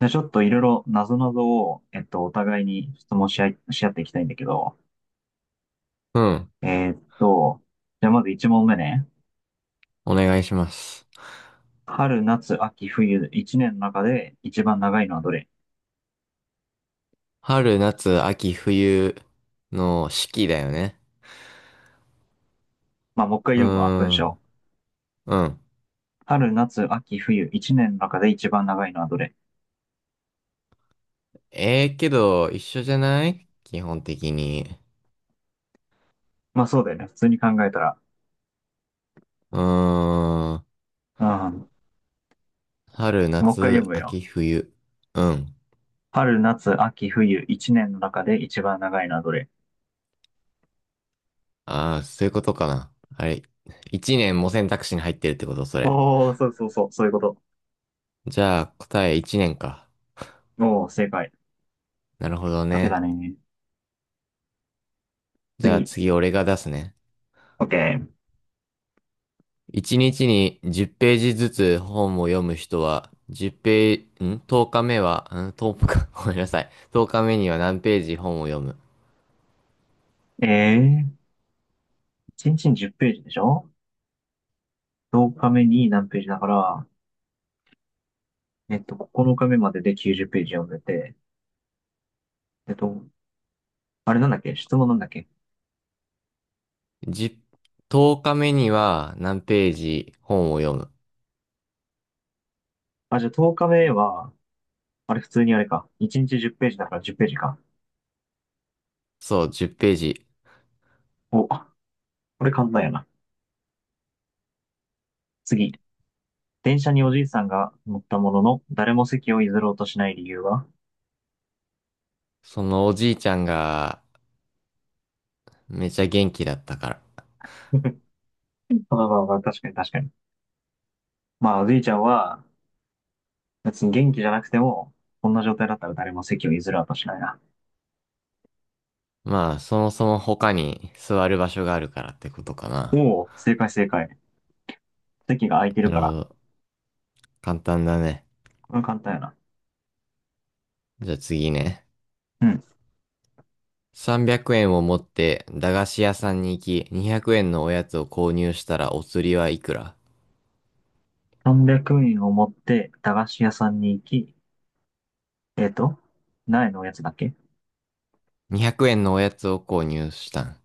じゃあちょっといろいろなぞなぞを、お互いに質問し合っていきたいんだけど、うん。えーっと、じゃあまず1問目ね。お願いします。春、夏、秋、冬、1年の中で一番長いのはどれ？春、夏、秋、冬の四季だよね。まあ、もう一回う読むわ、文ー章。ん。うん。春、夏、秋、冬、1年の中で一番長いのはどれ？ええけど、一緒じゃない基本的に。まあ、そうだよね。普通に考えたら。うーん。うん。春、もう一回読夏、むよ。秋、冬。うん。春、夏、秋、冬、1年の中で一番長いのはどれ？ああ、そういうことかな。あれ、一年も選択肢に入ってるってこと、それ。おー、そうそうそう、そういうこと。じゃあ、答え一年か。おー、正解。なるほどかけだね。ね。じゃあ次。次、俺が出すね。OK。一日に10ページずつ本を読む人は、10ページ、ん？ 10 日目は、ん1日か、ごめんなさい。10日目には何ページ本を読む。えー1日に10ページでしょ？ 10 日目に何ページだから、9日目までで90ページ読んでて、えっと、あれなんだっけ？質問なんだっけ？10、日目には何ページ本を読む。あ、じゃあ10日目は、あれ普通にあれか。1日10ページだから10ページか。そう、10ページ。お、これ簡単やな。次。電車におじいさんが乗ったものの、誰も席を譲ろうとしない理由は？ そのおじいちゃんがめちゃ元気だったから。まあまあまあ、確かに確かに。まあ、おじいちゃんは、別に元気じゃなくても、こんな状態だったら誰も席を譲ろうとしないな。まあ、そもそも他に座る場所があるからってことかおな。お、正解正解。席が空いてなるるかほら。ど。簡単だね。これ簡単やな。じゃあ次ね。うん。300円を持って駄菓子屋さんに行き、200円のおやつを購入したらお釣りはいくら？ 300円を持って駄菓子屋さんに行き、えっと、何円のおやつだっけ？ 200 円のおやつを購入したん。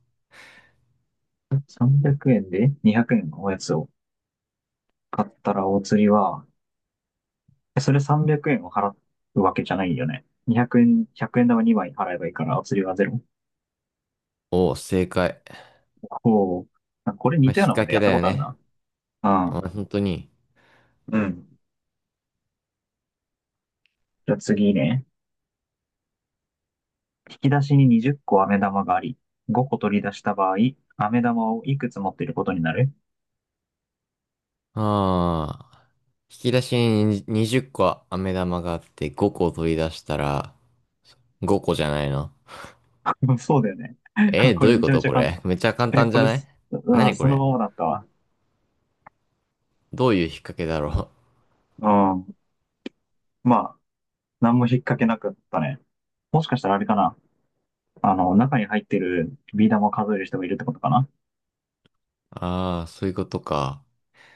300 円で200円のおやつを買ったらお釣りは、それ300円を払うわけじゃないよね。200円、1円玉2枚払えばいいからお釣りはゼロ。おお、正解。こう。これ似まあ、引たっようなもん掛でけやっだたこよとあるね。な。ああ、あ、本当に。うん。じゃあ次ね。引き出しに20個飴玉があり、5個取り出した場合、飴玉をいくつ持っていることになる？ ああ。引き出しに20個飴玉があって5個取り出したら5個じゃないの？ そうだよね。こどうれいうめちこゃめと？ちゃこ簡れ単。めっちゃ簡え、単じこゃれない？す、あ何こそのれ？ままだったわ。どういう引っ掛けだろう？うん。まあ、何も引っ掛けなかったね。もしかしたらあれかな。中に入ってるビー玉を数える人もいるってことかな。ああー、そういうことか。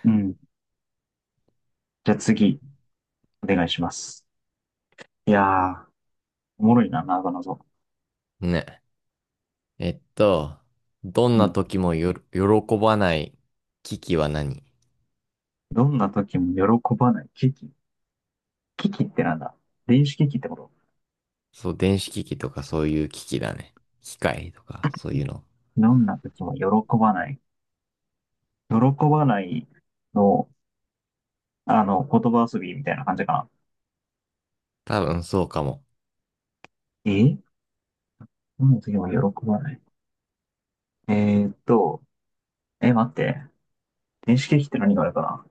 うん。じゃあ次、お願いします。いやー、おもろいな、なぞなぞ。ね。えっと、どんうなん。時も喜ばない機器は何？どんな時も喜ばない。危機。危機ってなんだ？電子機器ってこと？そう、電子機器とかそういう機器だね。機械とかそういうの。どんな時も喜ばない。喜ばないの、言葉遊びみたいな感じかな。多分そうかも。えどんな時も喜ばない。えーっと、待って。電子機器って何があるか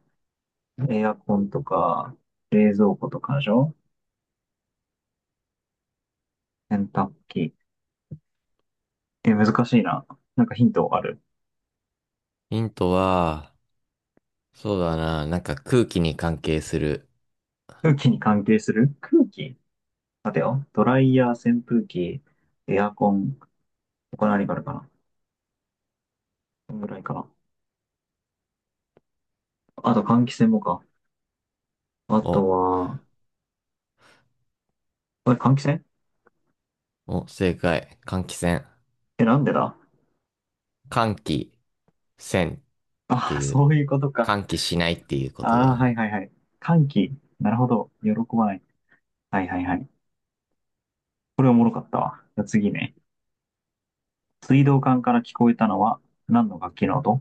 な？エアコンとか、冷蔵庫とかでしょ？洗濯機。難しいな。なんかヒントある？ヒントは、そうだな、なんか空気に関係する。空気に関係する。空気？待てよ。ドライヤー、扇風機、エアコン、他何があるかな？こんぐらいかな。あと換気扇もか。あお、とは、あれ、換気扇？お、正解。換気扇。なんでだ？換気扇っあてあ、いう、そういうことか。換気しないっていうこあとあ、だはいね。はいはい。換気。なるほど。喜ばない。はいはいはい。これおもろかったわ。じゃあ次ね。水道管から聞こえたのは何の楽器の音？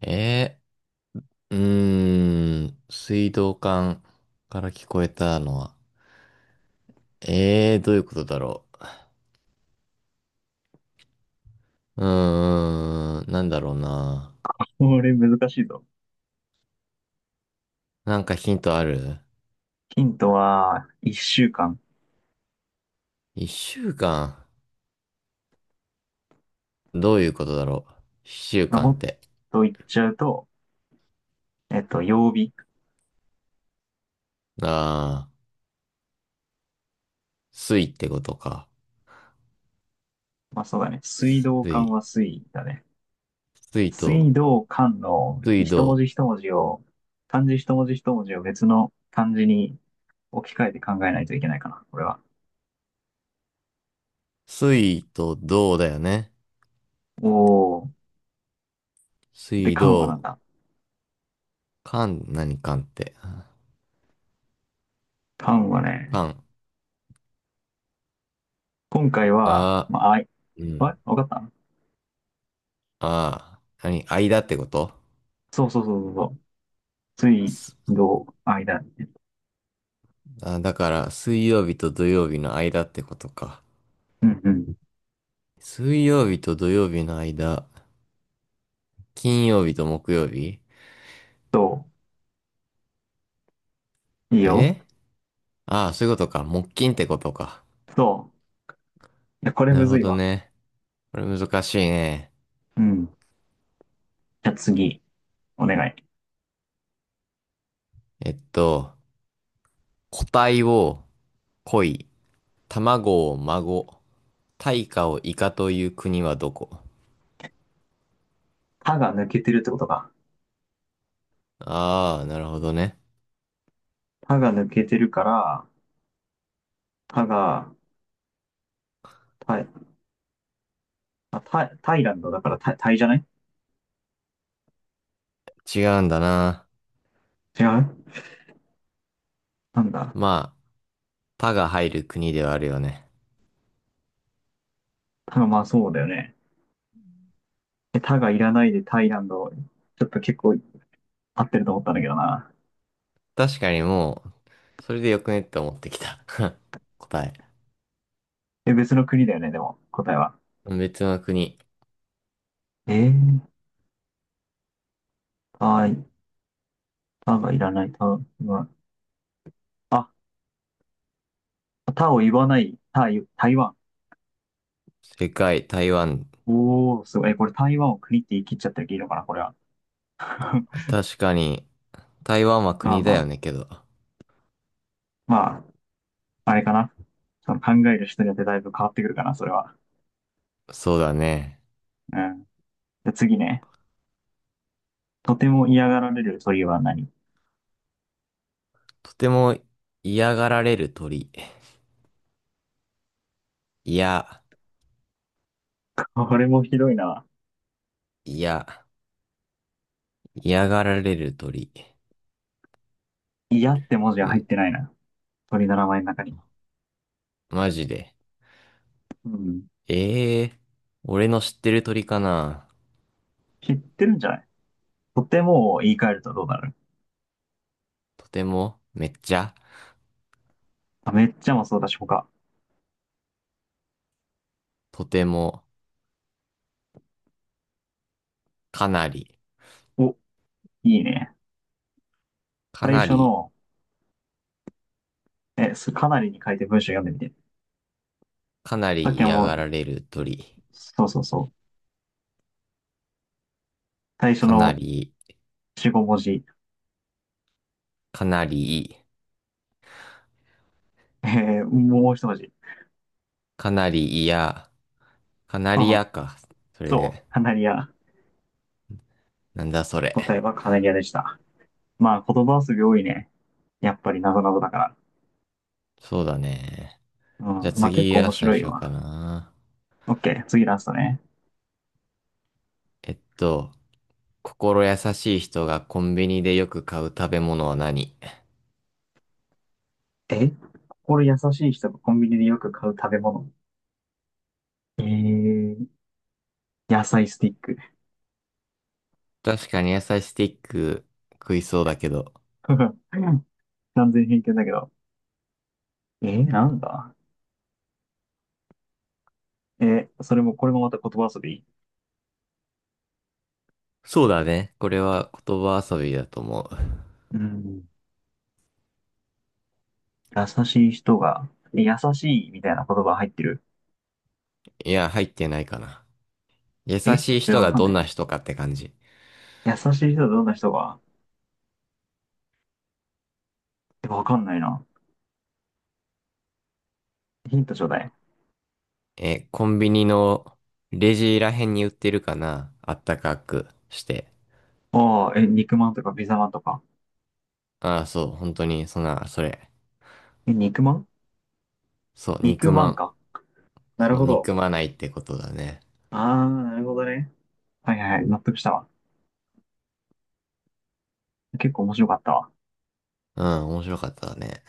えうーん、水道管から聞こえたのは、どういうことだろう。うーん、なんだろうな。これ難しいぞ。なんかヒントある？ヒントは、一週間。一週間。どういうことだろう。一週まあ、間もっって。と言っちゃうと、曜日。ああ、水ってことか。まあ、そうだね。水道管水。は水だね。水と、水道管の水一文道。字一文字を、漢字一文字一文字を別の漢字に置き換えて考えないといけないかな、これは。水と道だよね。おー。で、水管はなん道。だ？間、何間って。管はね、間。今回あは、あ、まあ、うあ、ん。わかった？ああ、何間ってこと？そうそうそうそうそう。水す道、間。あ、だから、水曜日と土曜日の間ってことか。うんうん。水曜日と土曜日の間。金曜日と木曜日そう。いいよ。えああ、そういうことか。木金ってことか。そう。や、これなむるずほいどわ。ね。これ難しいね。うん。じゃあ次、お願い。えっと、個体を恋、卵を孫、大化をイカという国はどこ？たが抜けてるってことか。ああ、なるほどね。たが抜けてるから、たが、た、あ、た、タイランドだからた、タイじゃない？違うんだな。違う？なんだ。まあ、他が入る国ではあるよね。たが、まあそうだよね。たがいらないでタイランド、ちょっと結構合ってると思ったんだけどな。確かにもう、それでよくねって思ってきた。答え。別の国だよね、でも、答えは。別の国。えー、タい、タがいらない、タが、あ、タを言わない、タイ台湾。世界、台湾。おー、すごい。え、これ台湾を国って言い切っちゃってるけどいいのかな、これは。確かに、台湾はまあ国まだよあ、ねけど。まあ、あれかな。その考える人によってだいぶ変わってくるかな、それは。そうだね。うん。で、次ね。とても嫌がられる鳥は何？とても嫌がられる鳥。いや、これもひどいな。いや、嫌がられる鳥。嫌って文字がう入っん、てないな。鳥の名前の中に。マジで。うん。ええ俺の知ってる鳥かな。知ってるんじゃない？とてもを言い換えるとどうなる？とても、めっちゃ、あ、めっちゃもそうだし、他？とても、かなり、お、いいね。か最な初り、の、かなりに書いて文章読んでみて。かなさっりきは嫌もがう、られる鳥。そうそうそう。最初かのなり、4、5文字。かなり、えもう一文字。かなり嫌、かなうりん。嫌か。それそで、う。カナリア。なんだそれ。答えはカナリアでした。まあ、言葉遊び多いね。やっぱりなぞなぞだから。そうだね。うじゃあん。まあ、結次、構面ラストに白いしようかわ。な。オッケー、次ラストね。えっと、心優しい人がコンビニでよく買う食べ物は何？え心優しい人がコンビニでよく買う食べ物。えー、野菜スティック。確かに野菜スティック食いそうだけど。完全偏見だけど。なんだ？それも、これもまた言葉遊び？そうだね。これは言葉遊びだと思う。うん。優しい人が、優しいみたいな言葉入ってる？いや、入ってないかな。優しいじゃ人あわがかんどなんいなな。人かって感じ。優しい人はどんな人が？わかんないな。ヒントちょうだい。え、コンビニのレジらへんに売ってるかなあったかくして。ああ、肉まんとかピザまんとか。ああ、そう、本当に、そんな、それ。肉まん？そう、憎肉ままんん。か。なそるう、ほど。憎まないってことだね。ああ、なるほどね。はいはいはい。納得したわ。結構面白かったわ。うん、面白かったね。